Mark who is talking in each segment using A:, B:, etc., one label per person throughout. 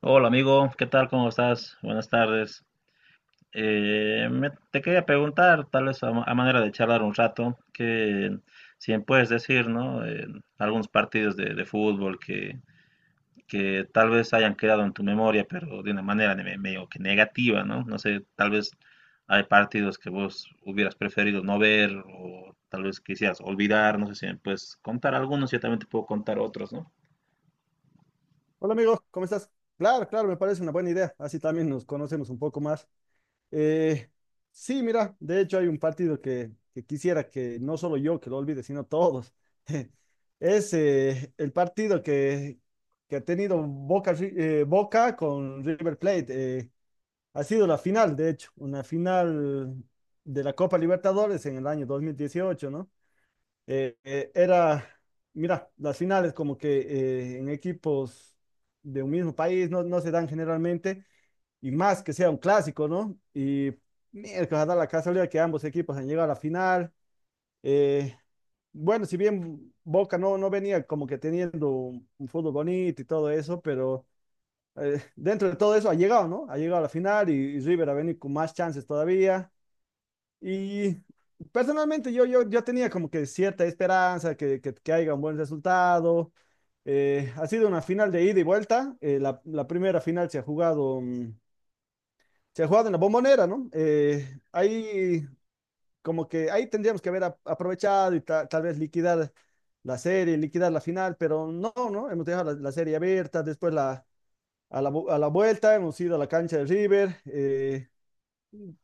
A: Hola amigo, ¿qué tal? ¿Cómo estás? Buenas tardes. Te quería preguntar, tal vez a manera de charlar un rato, que si me puedes decir, ¿no? Algunos partidos de fútbol que tal vez hayan quedado en tu memoria, pero de una manera medio que negativa, ¿no? No sé, tal vez hay partidos que vos hubieras preferido no ver o tal vez quisieras olvidar, no sé si me puedes contar algunos, yo también te puedo contar otros, ¿no?
B: Hola amigo, ¿cómo estás? Claro, claro, me parece una buena idea. Así también nos conocemos un poco más. Eh, sí, mira, de hecho hay un partido que quisiera que no solo yo que lo olvide, sino todos. Es el partido que ha tenido Boca con River Plate. eh, ha sido la final, de hecho, una final de la Copa Libertadores en el año 2018, ¿no? Era, mira, las finales como que en equipos de un mismo país no se dan generalmente, y más que sea un clásico, ¿no? Y miércoles da la casualidad que ambos equipos han llegado a la final. Eh, bueno, si bien Boca no venía como que teniendo un fútbol bonito y todo eso, pero dentro de todo eso ha llegado, ¿no? Ha llegado a la final y River ha venido con más chances todavía. Y personalmente yo tenía como que cierta esperanza que haya un buen resultado. Ha sido una final de ida y vuelta. La primera final se ha jugado, se ha jugado en la Bombonera, ¿no? Ahí como que ahí tendríamos que haber aprovechado y tal vez liquidar la serie, liquidar la final, pero no, ¿no? Hemos dejado la serie abierta, después la, a la, vu- a la vuelta hemos ido a la cancha de River. eh,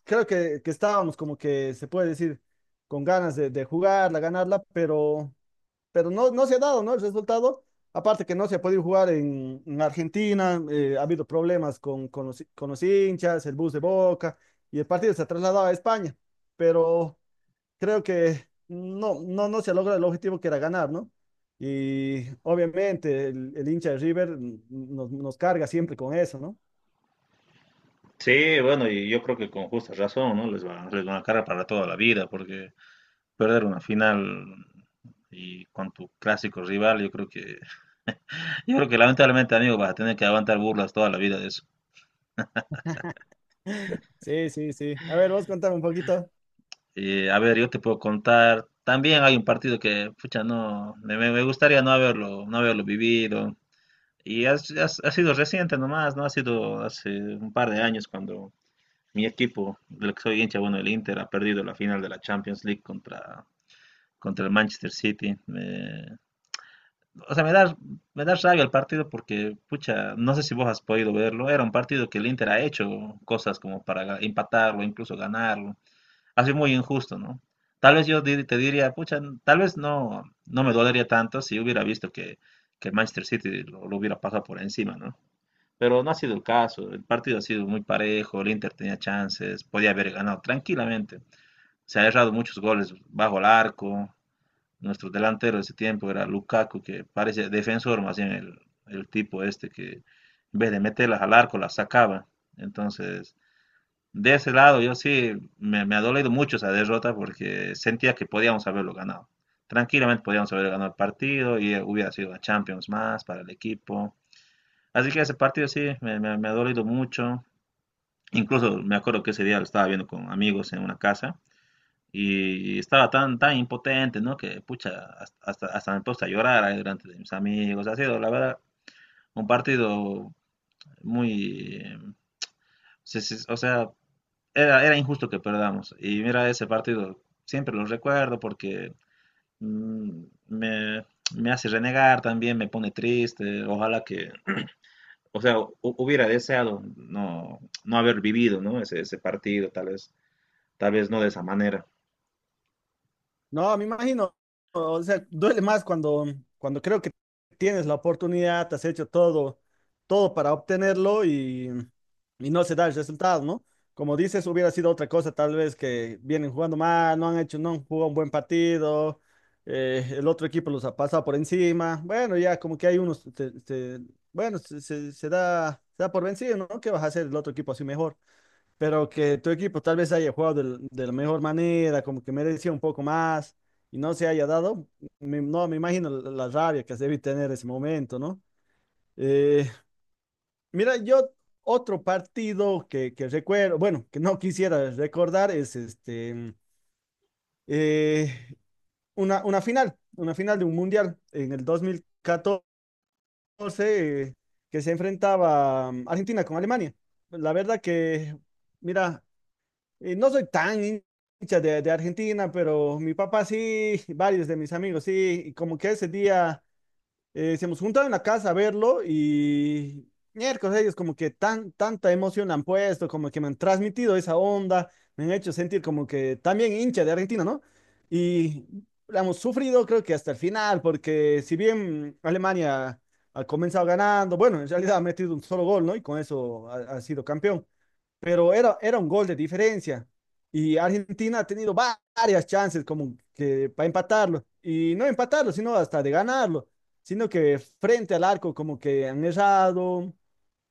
B: creo que estábamos como que se puede decir con ganas de jugarla, ganarla, pero no se ha dado, ¿no? El resultado. Aparte que no se ha podido jugar en Argentina, ha habido problemas con los hinchas, el bus de Boca, y el partido se ha trasladado a España, pero creo que no se logra el objetivo que era ganar, ¿no? Y obviamente el hincha de River nos carga siempre con eso, ¿no?
A: Sí, bueno, y yo creo que con justa razón, ¿no? Les va, les van a cara para toda la vida, porque perder una final y con tu clásico rival, yo creo que, yo creo que lamentablemente, amigo, vas a tener que aguantar burlas toda la vida de eso.
B: Sí, sí, sí. A ver, vos contame un poquito.
A: A ver, yo te puedo contar, también hay un partido que, pucha, no, me gustaría no haberlo, no haberlo vivido. Y ha sido reciente nomás, ¿no? Ha sido hace un par de años cuando mi equipo, del que soy hincha, bueno, el Inter, ha perdido la final de la Champions League contra el Manchester City. O sea, me da rabia el partido porque, pucha, no sé si vos has podido verlo. Era un partido que el Inter ha hecho cosas como para empatarlo, incluso ganarlo. Ha sido muy injusto, ¿no? Tal vez yo te diría, pucha, tal vez no me dolería tanto si hubiera visto que el Manchester City lo hubiera pasado por encima, ¿no? Pero no ha sido el caso. El partido ha sido muy parejo, el Inter tenía chances, podía haber ganado tranquilamente. Se ha errado muchos goles bajo el arco, nuestro delantero de ese tiempo era Lukaku, que parece defensor más bien. El tipo este que en vez de meterlas al arco las sacaba. Entonces, de ese lado yo sí me ha dolido mucho esa derrota porque sentía que podíamos haberlo ganado. Tranquilamente podíamos haber ganado el partido y hubiera sido a Champions más para el equipo. Así que ese partido sí me ha dolido mucho. Incluso me acuerdo que ese día lo estaba viendo con amigos en una casa y estaba tan, tan impotente, ¿no? Que, pucha, me puse a llorar ahí delante de mis amigos. Ha sido, la verdad, un partido muy, o sea, era injusto que perdamos. Y mira, ese partido siempre lo recuerdo porque mm, me, me hace renegar también, me pone triste. Ojalá que, o sea, hubiera deseado no haber vivido, ¿no? Ese partido, tal vez no de esa manera.
B: No, me imagino, o sea, duele más cuando, cuando creo que tienes la oportunidad, te has hecho todo, todo para obtenerlo y no se da el resultado, ¿no? Como dices, hubiera sido otra cosa, tal vez que vienen jugando mal, no han hecho, no han jugado un buen partido, el otro equipo los ha pasado por encima, bueno, ya como que hay unos, bueno, se da por vencido, ¿no? ¿Qué vas a hacer el otro equipo así mejor? Pero que tu equipo tal vez haya jugado de la mejor manera, como que merecía un poco más y no se haya dado, no, me imagino la rabia que se debe tener ese momento, ¿no? Eh, mira, yo otro partido que recuerdo, bueno, que no quisiera recordar es este, eh, una final de un mundial en el 2014 eh, que se enfrentaba Argentina con Alemania. La verdad que, mira, no soy tan hincha de Argentina, pero mi papá sí, varios de mis amigos sí, y como que ese día se nos juntaron en la casa a verlo y miércoles ellos como que tanta emoción han puesto, como que me han transmitido esa onda, me han hecho sentir como que también hincha de Argentina, ¿no? Y la hemos sufrido creo que hasta el final, porque si bien Alemania ha comenzado ganando, bueno, en realidad ha metido un solo gol, ¿no? Y con eso ha sido campeón, pero era un gol de diferencia. Y Argentina ha tenido varias chances como que para empatarlo. Y no empatarlo, sino hasta de ganarlo. Sino que frente al arco como que han errado,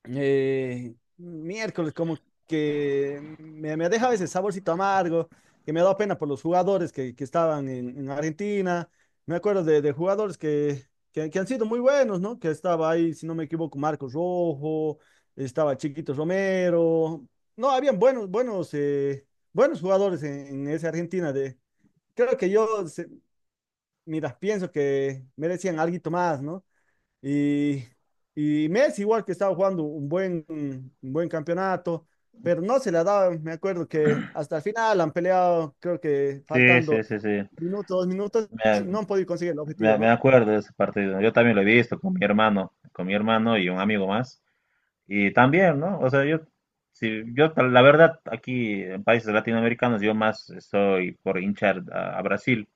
B: miércoles, como que me deja a veces saborcito amargo, que me ha dado pena por los jugadores que estaban en Argentina. Me acuerdo de jugadores que han sido muy buenos, ¿no? Que estaba ahí, si no me equivoco, Marcos Rojo, estaba Chiquito Romero. No, habían buenos, buenos, buenos jugadores en esa Argentina de. Creo que yo, mira, pienso que merecían algo más, ¿no? Y, y Messi igual que estaba jugando un buen campeonato, pero no se le ha dado, me acuerdo que hasta el final han peleado, creo que
A: Sí, sí,
B: faltando
A: sí, sí.
B: minutos, dos minutos, y
A: Me,
B: no han podido conseguir el objetivo,
A: me
B: ¿no?
A: acuerdo de ese partido. Yo también lo he visto con mi hermano y un amigo más. Y también, ¿no? O sea, yo, si, yo ta- la verdad, aquí en países latinoamericanos, yo más estoy por hinchar a Brasil.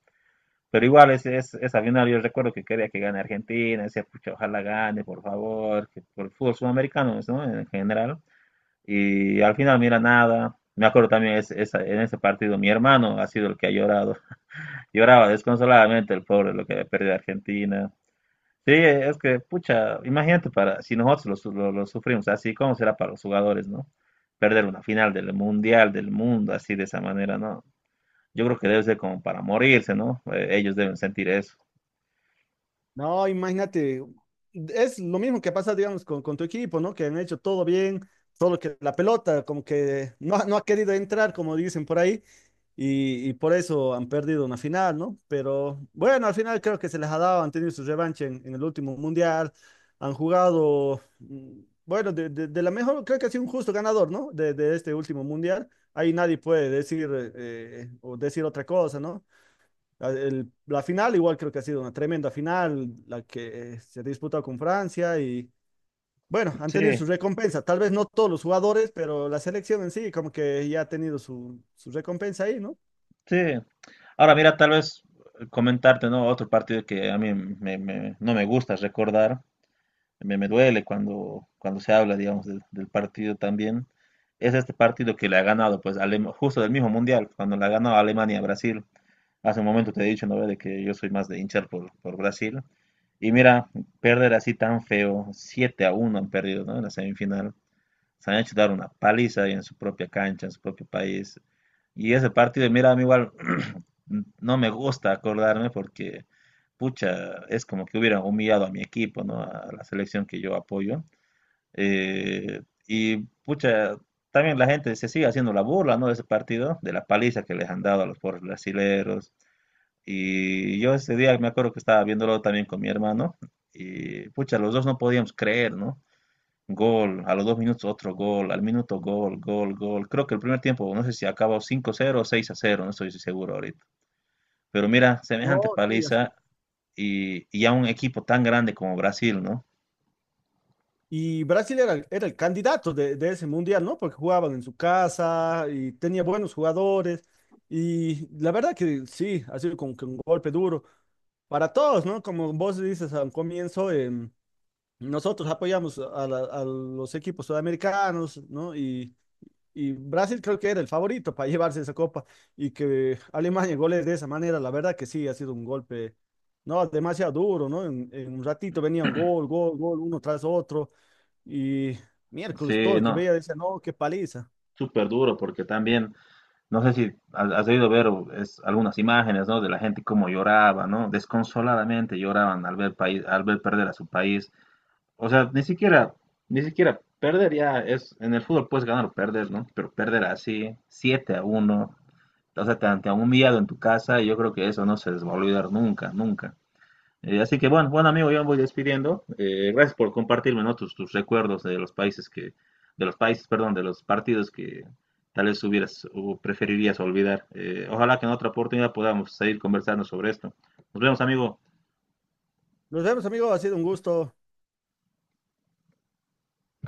A: Pero igual, esa final yo recuerdo que quería que gane Argentina, decía, pucha, ojalá gane, por favor, que por el fútbol sudamericano, ¿no? En general. Y al final, mira, nada. Me acuerdo también en ese partido, mi hermano ha sido el que ha llorado. Lloraba desconsoladamente el pobre, lo que había perdido Argentina. Sí, es que, pucha, imagínate para, si nosotros lo sufrimos así, ¿cómo será para los jugadores, no? Perder una final del Mundial, del mundo, así de esa manera, ¿no? Yo creo que debe ser como para morirse, ¿no? Ellos deben sentir eso.
B: No, imagínate, es lo mismo que pasa, digamos, con tu equipo, ¿no? Que han hecho todo bien, solo que la pelota como que no, no ha querido entrar, como dicen por ahí, y por eso han perdido una final, ¿no? Pero bueno, al final creo que se les ha dado, han tenido su revancha en el último mundial, han jugado, bueno, de la mejor, creo que ha sido un justo ganador, ¿no? De este último mundial. Ahí nadie puede decir, o decir otra cosa, ¿no? La final igual creo que ha sido una tremenda final, la que se ha disputado con Francia y bueno, han
A: Sí,
B: tenido su recompensa. Tal vez no todos los jugadores, pero la selección en sí como que ya ha tenido su recompensa ahí, ¿no?
A: sí. Ahora, mira, tal vez comentarte, ¿no? Otro partido que a mí no me gusta recordar, me duele cuando, cuando se habla, digamos, del partido también, es este partido que le ha ganado, pues, justo del mismo Mundial, cuando le ha ganado a Alemania a Brasil. Hace un momento te he dicho, ¿no? De que yo soy más de hinchar por Brasil. Y mira, perder así tan feo, 7-1 han perdido, ¿no? En la semifinal. Se han hecho dar una paliza ahí en su propia cancha, en su propio país. Y ese partido, mira, a mí igual, no me gusta acordarme porque, pucha, es como que hubieran humillado a mi equipo, ¿no? A la selección que yo apoyo. Y, pucha, también la gente se sigue haciendo la burla, ¿no? De ese partido, de la paliza que les han dado a los pobres brasileros. Y yo ese día me acuerdo que estaba viéndolo también con mi hermano y, pucha, los dos no podíamos creer, ¿no? Gol, a los 2 minutos otro gol, al minuto gol, gol, gol. Creo que el primer tiempo, no sé si acabó 5-0 o 6-0, no estoy seguro ahorita. Pero mira,
B: No,
A: semejante
B: sí, así.
A: paliza y a un equipo tan grande como Brasil, ¿no?
B: Y Brasil era, era el candidato de ese mundial, ¿no? Porque jugaban en su casa y tenía buenos jugadores. Y la verdad que sí, ha sido como que un golpe duro para todos, ¿no? Como vos dices al comienzo, nosotros apoyamos a, a los equipos sudamericanos, ¿no? Y Brasil creo que era el favorito para llevarse esa copa y que Alemania goles de esa manera, la verdad que sí, ha sido un golpe, ¿no? Demasiado duro, ¿no? En un ratito venía un gol, gol, gol, uno tras otro y miércoles todo
A: Sí,
B: el que
A: no,
B: veía decía, no, qué paliza.
A: súper duro porque también, no sé si has debido ver algunas imágenes, ¿no? De la gente cómo lloraba, ¿no? Desconsoladamente lloraban al ver perder a su país. O sea, ni siquiera perdería, en el fútbol puedes ganar o perder, ¿no? Pero perder así, 7-1, o sea, te han humillado en tu casa y yo creo que eso no se les va a olvidar nunca, nunca. Así que bueno, bueno amigo, yo me voy despidiendo. Gracias por compartirme, ¿no? tus recuerdos de los países que, de los países, perdón, de los partidos que tal vez hubieras o preferirías olvidar. Ojalá que en otra oportunidad podamos seguir conversando sobre esto. Nos vemos, amigo.
B: Nos vemos, amigos, ha sido un gusto.